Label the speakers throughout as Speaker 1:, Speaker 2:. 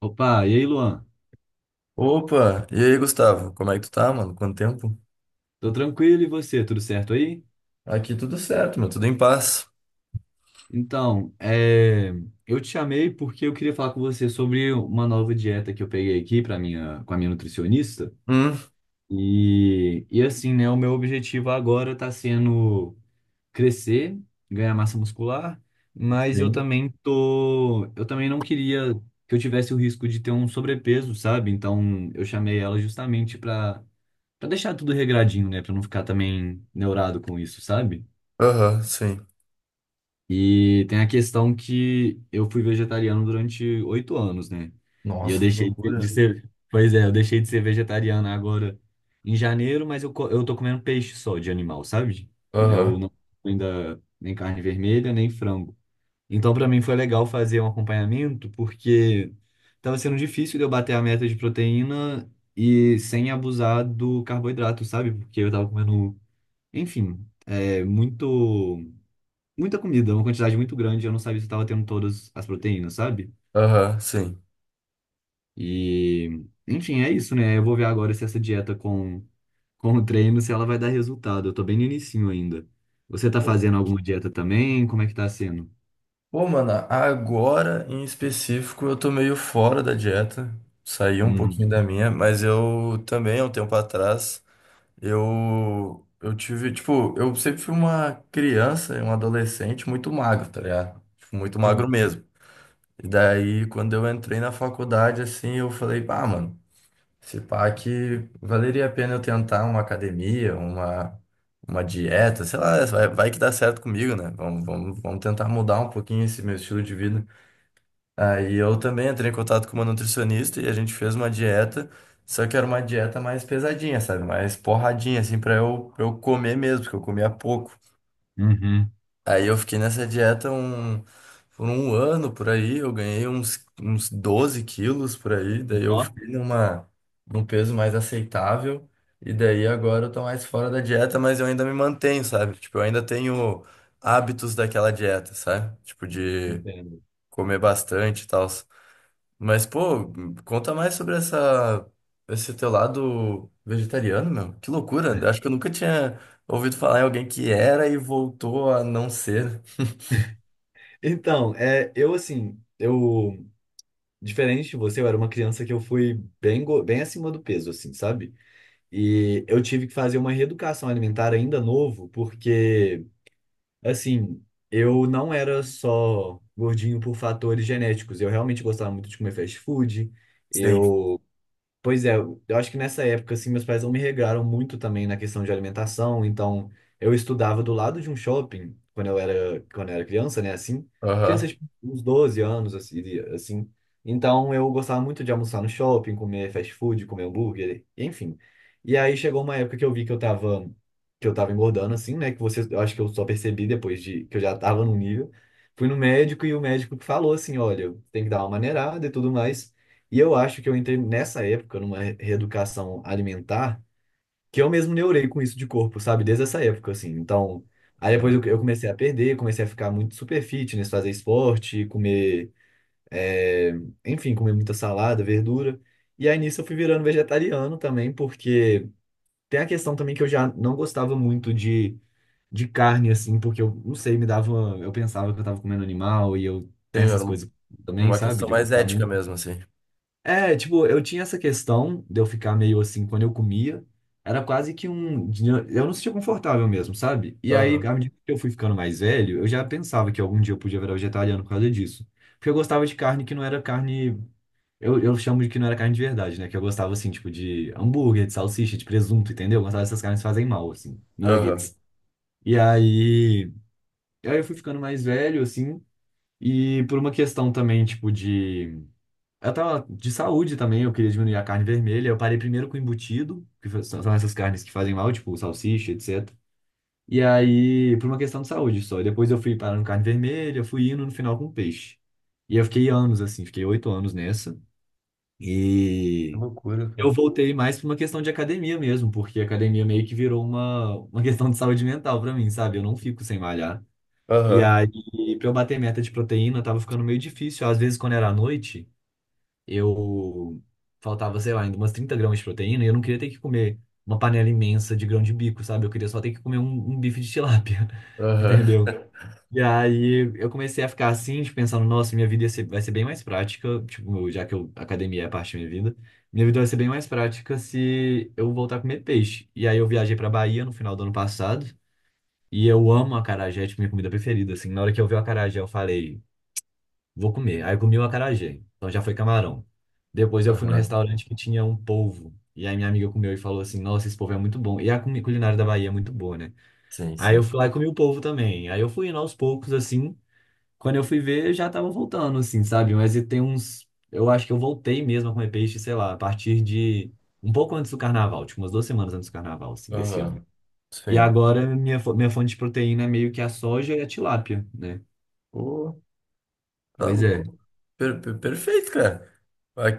Speaker 1: Opa, e aí, Luan?
Speaker 2: Opa! E aí, Gustavo? Como é que tu tá, mano? Quanto tempo?
Speaker 1: Tô tranquilo e você, tudo certo aí?
Speaker 2: Aqui tudo certo, meu. Tudo em paz.
Speaker 1: Então, é, eu te chamei porque eu queria falar com você sobre uma nova dieta que eu peguei aqui para minha, com a minha nutricionista.
Speaker 2: Hum,
Speaker 1: E assim, né, o meu objetivo agora tá sendo crescer, ganhar massa muscular, mas eu
Speaker 2: sim.
Speaker 1: também tô, eu também não queria que eu tivesse o risco de ter um sobrepeso, sabe? Então, eu chamei ela justamente para deixar tudo regradinho, né, para não ficar também neurado com isso, sabe?
Speaker 2: Aham, sim.
Speaker 1: E tem a questão que eu fui vegetariano durante 8 anos, né? E eu
Speaker 2: Nossa, que
Speaker 1: deixei de
Speaker 2: loucura.
Speaker 1: de ser. Pois é, eu deixei de ser vegetariano agora em janeiro, mas eu tô comendo peixe só de animal, sabe? Eu
Speaker 2: Aham,
Speaker 1: não como ainda nem carne vermelha, nem frango. Então, pra mim foi legal fazer um acompanhamento, porque tava sendo difícil de eu bater a meta de proteína e sem abusar do carboidrato, sabe? Porque eu tava comendo, enfim, é muito muita comida, uma quantidade muito grande, eu não sabia se eu tava tendo todas as proteínas, sabe?
Speaker 2: aham, sim.
Speaker 1: E, enfim, é isso, né? Eu vou ver agora se essa dieta com o treino, se ela vai dar resultado. Eu tô bem no inicinho ainda. Você tá
Speaker 2: Pô,
Speaker 1: fazendo alguma dieta também? Como é que tá sendo?
Speaker 2: pô, mano, agora em específico eu tô meio fora da dieta. Saí um
Speaker 1: Uhum.
Speaker 2: pouquinho da minha, mas eu também, há um tempo atrás, eu tive, tipo, eu sempre fui uma criança e um adolescente muito magro, tá ligado? Tipo, muito magro
Speaker 1: Sim.
Speaker 2: mesmo. E daí, quando eu entrei na faculdade, assim, eu falei, ah, mano, se pá que valeria a pena eu tentar uma academia, uma dieta, sei lá, vai que dá certo comigo, né? Vamos tentar mudar um pouquinho esse meu estilo de vida. Aí eu também entrei em contato com uma nutricionista e a gente fez uma dieta, só que era uma dieta mais pesadinha, sabe? Mais porradinha, assim, pra eu comer mesmo, porque eu comia pouco.
Speaker 1: Uhum.
Speaker 2: Aí eu fiquei nessa dieta por um ano por aí, eu ganhei uns 12 quilos por aí, daí eu
Speaker 1: Ó,
Speaker 2: fiquei num peso mais aceitável, e daí agora eu tô mais fora da dieta, mas eu ainda me mantenho, sabe? Tipo, eu ainda tenho hábitos daquela dieta, sabe? Tipo, de
Speaker 1: entendo.
Speaker 2: comer bastante e tal. Mas, pô, conta mais sobre esse teu lado vegetariano, meu. Que loucura, acho que eu nunca tinha ouvido falar em alguém que era e voltou a não ser, né?
Speaker 1: Eu assim, eu, diferente de você, eu era uma criança que eu fui bem acima do peso, assim, sabe? E eu tive que fazer uma reeducação alimentar ainda novo, porque assim, eu não era só gordinho por fatores genéticos. Eu realmente gostava muito de comer fast food.
Speaker 2: Sim.
Speaker 1: Eu Pois é, eu acho que nessa época, assim, meus pais não me regraram muito também na questão de alimentação, então eu estudava do lado de um shopping quando eu era criança, né, assim, criança
Speaker 2: Aham.
Speaker 1: de uns 12 anos, assim, de- assim. Então eu gostava muito de almoçar no shopping, comer fast food, comer hambúrguer, enfim. E aí chegou uma época que eu vi que eu tava engordando, assim, né, que você, eu acho que eu só percebi depois de, que eu já tava num nível, fui no médico e o médico falou assim, olha, tem que dar uma maneirada e tudo mais, e eu acho que eu entrei nessa época numa reeducação alimentar, que eu mesmo neurei com isso de corpo, sabe? Desde essa época, assim. Então, aí depois eu comecei a perder, comecei a ficar muito super fitness, fazer esporte, comer, é, enfim, comer muita salada, verdura. E aí nisso eu fui virando vegetariano também, porque tem a questão também que eu já não gostava muito de carne, assim, porque eu não sei, me dava. Eu pensava que eu tava comendo animal e eu
Speaker 2: Sim,
Speaker 1: tenho essas
Speaker 2: era
Speaker 1: coisas também,
Speaker 2: uma
Speaker 1: sabe?
Speaker 2: questão
Speaker 1: De
Speaker 2: mais
Speaker 1: gostar
Speaker 2: ética
Speaker 1: muito.
Speaker 2: mesmo, assim.
Speaker 1: É, tipo, eu tinha essa questão de eu ficar meio assim quando eu comia. Era quase que um. Eu não me sentia confortável mesmo, sabe? E aí,
Speaker 2: Aham.
Speaker 1: à medida que eu fui ficando mais velho, eu já pensava que algum dia eu podia virar vegetariano por causa disso. Porque eu gostava de carne que não era carne. Eu chamo de que não era carne de verdade, né? Que eu gostava, assim, tipo, de hambúrguer, de salsicha, de presunto, entendeu? Eu gostava dessas carnes que fazem mal, assim,
Speaker 2: Aham.
Speaker 1: nuggets. E aí, aí eu fui ficando mais velho, assim, e por uma questão também, tipo, de eu tava de saúde também, eu queria diminuir a carne vermelha. Eu parei primeiro com embutido, são essas carnes que fazem mal, tipo salsicha, etc. E aí, por uma questão de saúde só. E depois eu fui parando com carne vermelha, fui indo no final com peixe. E eu fiquei anos assim, fiquei 8 anos nessa.
Speaker 2: Que
Speaker 1: E
Speaker 2: loucura,
Speaker 1: eu
Speaker 2: cara.
Speaker 1: voltei mais por uma questão de academia mesmo, porque a academia meio que virou uma questão de saúde mental pra mim, sabe? Eu não fico sem malhar. E
Speaker 2: Aham.
Speaker 1: aí, pra eu bater meta de proteína, tava ficando meio difícil. Às vezes, quando era à noite eu faltava, sei lá, ainda umas 30 gramas de proteína e eu não queria ter que comer uma panela imensa de grão de bico, sabe? Eu queria só ter que comer um bife de tilápia,
Speaker 2: Aham.
Speaker 1: entendeu? E aí eu comecei a ficar assim, de pensando, nossa, minha vida ia ser- vai ser bem mais prática, tipo, já que eu, academia é parte da minha vida vai ser bem mais prática se eu voltar a comer peixe. E aí eu viajei pra Bahia no final do ano passado. E eu amo acarajé, é, tipo, minha comida preferida, assim. Na hora que eu vi o acarajé, eu falei, vou comer. Aí eu comi o acarajé. Então já foi camarão. Depois eu fui num
Speaker 2: Aham.
Speaker 1: restaurante que tinha um polvo. E aí minha amiga comeu e falou assim: nossa, esse polvo é muito bom. E a culinária da Bahia é muito boa, né?
Speaker 2: Sim,
Speaker 1: Aí
Speaker 2: sim.
Speaker 1: eu fui lá e comi o polvo também. Aí eu fui indo aos poucos, assim. Quando eu fui ver, eu já tava voltando, assim, sabe? Mas e tem uns. Eu acho que eu voltei mesmo a comer peixe, sei lá, a partir de um pouco antes do carnaval, tipo umas duas semanas antes do carnaval, assim, desse ano.
Speaker 2: Aham.
Speaker 1: E
Speaker 2: Sim.
Speaker 1: agora minha fonte de proteína é meio que a soja e a tilápia, né?
Speaker 2: Pô, tá
Speaker 1: Pois é.
Speaker 2: louco. Perfeito, cara.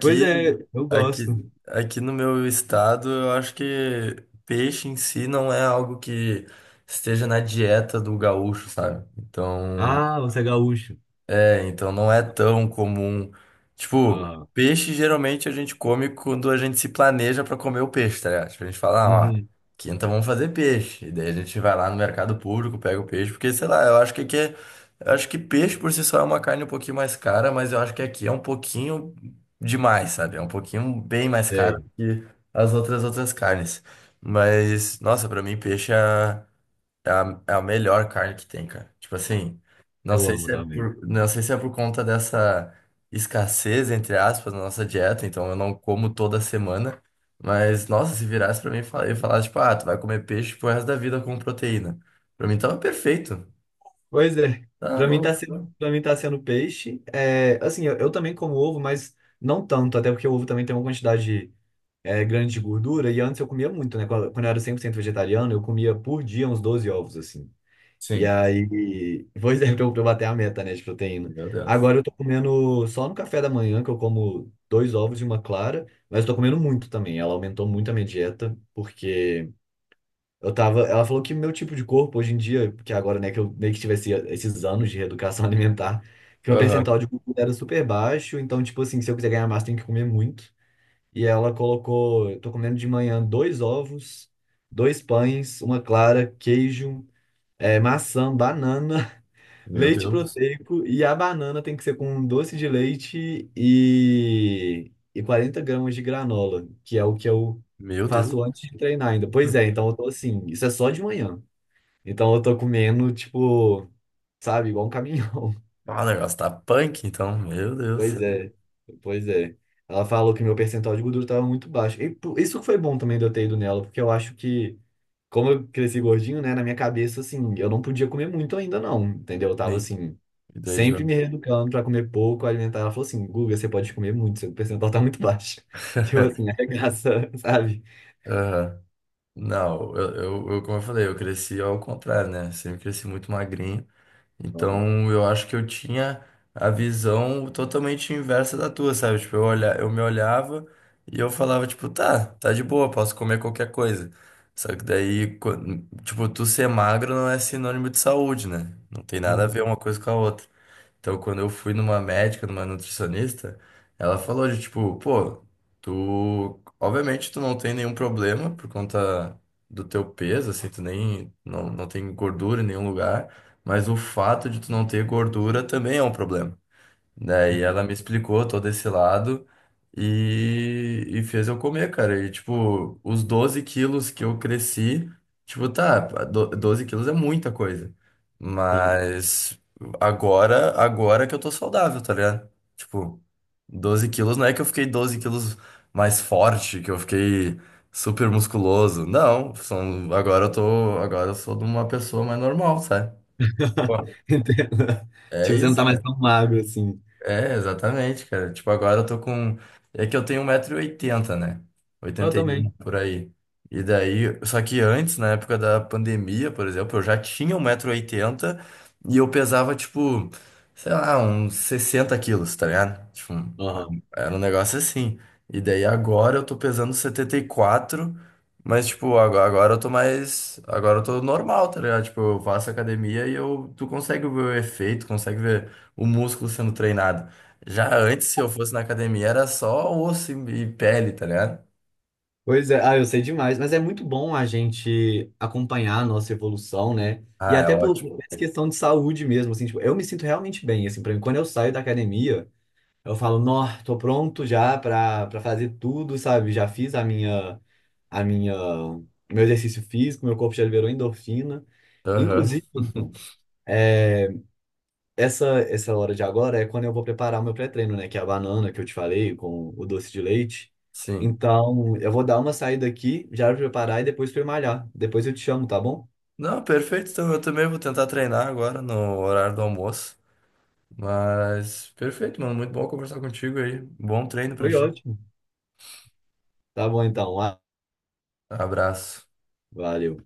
Speaker 1: Pois é, eu gosto.
Speaker 2: aqui no meu estado, eu acho que peixe em si não é algo que esteja na dieta do gaúcho, sabe? Então.
Speaker 1: Ah, você é gaúcho.
Speaker 2: É, então não é tão comum. Tipo,
Speaker 1: Ah,
Speaker 2: peixe geralmente a gente come quando a gente se planeja pra comer o peixe, tá ligado? Tipo, a gente fala, ah, ó,
Speaker 1: uhum,
Speaker 2: quinta vamos fazer peixe. E daí a gente vai lá no mercado público, pega o peixe, porque sei lá, eu acho que peixe por si só é uma carne um pouquinho mais cara, mas eu acho que aqui é um pouquinho demais, sabe? É um pouquinho bem mais caro
Speaker 1: sei.
Speaker 2: que as outras carnes. Mas, nossa, pra mim peixe é. É a melhor carne que tem, cara. Tipo assim,
Speaker 1: Eu amo também.
Speaker 2: não sei se é por conta dessa escassez, entre aspas, na nossa dieta, então eu não como toda semana. Mas, nossa, se virasse pra mim e e falasse, tipo, ah, tu vai comer peixe pro resto da vida com proteína. Pra mim tava perfeito.
Speaker 1: Pois é.
Speaker 2: Tá
Speaker 1: Pra mim tá
Speaker 2: louco,
Speaker 1: sendo,
Speaker 2: né?
Speaker 1: para mim tá sendo peixe. É, assim, eu também como ovo, mas não tanto, até porque o ovo também tem uma quantidade é, grande de gordura. E antes eu comia muito, né? Quando eu era 100% vegetariano, eu comia por dia uns 12 ovos, assim. E
Speaker 2: Sim.
Speaker 1: aí, pois é, pra eu bater a meta, né, de proteína.
Speaker 2: Meu Deus.
Speaker 1: Agora eu tô comendo só no café da manhã, que eu como dois ovos e uma clara, mas eu tô comendo muito também. Ela aumentou muito a minha dieta, porque eu tava, ela falou que meu tipo de corpo hoje em dia, que agora, né, que eu meio que tivesse esses anos de reeducação alimentar, que meu
Speaker 2: Aham.
Speaker 1: percentual de gordura era super baixo, então, tipo assim, se eu quiser ganhar massa, tem que comer muito. E ela colocou, eu tô comendo de manhã dois ovos, dois pães, uma clara, queijo, maçã, banana,
Speaker 2: Meu
Speaker 1: leite
Speaker 2: Deus.
Speaker 1: proteico, e a banana tem que ser com doce de leite e 40 gramas de granola, que é o que eu
Speaker 2: Meu Deus.
Speaker 1: faço antes de treinar ainda. Pois é, então eu tô assim, isso é só de manhã. Então eu tô comendo, tipo, sabe, igual um caminhão.
Speaker 2: Ah, o negócio tá punk, então. Meu Deus
Speaker 1: Pois
Speaker 2: do céu.
Speaker 1: é, pois é. Ela falou que meu percentual de gordura tava muito baixo. E isso que foi bom também de eu ter ido nela, porque eu acho que, como eu cresci gordinho, né, na minha cabeça, assim, eu não podia comer muito ainda, não, entendeu? Eu tava
Speaker 2: Sim.
Speaker 1: assim,
Speaker 2: E daí,
Speaker 1: sempre me
Speaker 2: tu-
Speaker 1: reeducando pra comer pouco, alimentar. Ela falou assim, Guga, você pode comer muito, seu percentual tá muito baixo. Tipo assim, arregaça, sabe?
Speaker 2: Aham. Não, como eu falei, eu cresci ao contrário, né? Sempre cresci muito magrinho.
Speaker 1: Uhum.
Speaker 2: Então, eu acho que eu tinha a visão totalmente inversa da tua, sabe? Tipo, eu olha, eu me olhava e eu falava, tipo, tá, tá de boa, posso comer qualquer coisa. Só que daí, tipo, tu ser magro não é sinônimo de saúde, né? Não tem nada a ver
Speaker 1: Uhum.
Speaker 2: uma coisa com a outra. Então, quando eu fui numa médica, numa nutricionista, ela falou de tipo, pô, tu, obviamente tu não tem nenhum problema por conta do teu peso, assim, tu nem, não, não tem gordura em nenhum lugar, mas o fato de tu não ter gordura também é um problema. Daí
Speaker 1: Sim,
Speaker 2: ela me explicou todo esse lado e fez eu comer, cara. E, tipo, os 12 quilos que eu cresci, tipo, tá, 12 quilos é muita coisa.
Speaker 1: sim.
Speaker 2: Mas agora que eu tô saudável, tá ligado? Tipo, 12 quilos não é que eu fiquei 12 quilos mais forte, que eu fiquei super musculoso. Não, agora eu sou de uma pessoa mais normal, sabe? Pô,
Speaker 1: Entendo.
Speaker 2: é
Speaker 1: Tipo, você não
Speaker 2: isso.
Speaker 1: tá mais tão magro assim.
Speaker 2: É, exatamente, cara. Tipo, agora eu tô com. É que eu tenho um metro e oitenta, né?
Speaker 1: Eu
Speaker 2: 81
Speaker 1: também.
Speaker 2: por aí. E daí. Só que antes, na época da pandemia, por exemplo, eu já tinha um metro e oitenta e eu pesava, tipo, sei lá, uns 60 quilos, tá ligado? Tipo,
Speaker 1: Aham.
Speaker 2: era um negócio assim. E daí agora eu tô pesando 74, mas tipo, agora eu tô mais. Agora eu tô normal, tá ligado? Tipo, eu faço academia e tu consegue ver o efeito, consegue ver o músculo sendo treinado. Já antes, se eu fosse na academia, era só osso e pele, tá ligado?
Speaker 1: Pois é, ah, eu sei demais, mas é muito bom a gente acompanhar a nossa evolução, né? E
Speaker 2: Ah, é
Speaker 1: até por
Speaker 2: ótimo.
Speaker 1: por essa questão de saúde mesmo, assim, tipo, eu me sinto realmente bem, assim, pra mim, quando eu saio da academia, eu falo, nó, tô pronto já pra, pra fazer tudo, sabe? Já fiz a minha, meu exercício físico, meu corpo já liberou endorfina.
Speaker 2: Aham.
Speaker 1: Inclusive, eh, essa, essa hora de agora é quando eu vou preparar o meu pré-treino, né? Que é a banana que eu te falei com o doce de leite.
Speaker 2: Sim.
Speaker 1: Então, eu vou dar uma saída aqui, já preparar e depois fui malhar. Depois eu te chamo, tá bom?
Speaker 2: Não, perfeito. Então eu também vou tentar treinar agora no horário do almoço. Mas perfeito, mano. Muito bom conversar contigo aí. Bom treino pra
Speaker 1: Foi
Speaker 2: ti.
Speaker 1: ótimo. Tá bom então. Ah,
Speaker 2: Abraço.
Speaker 1: valeu.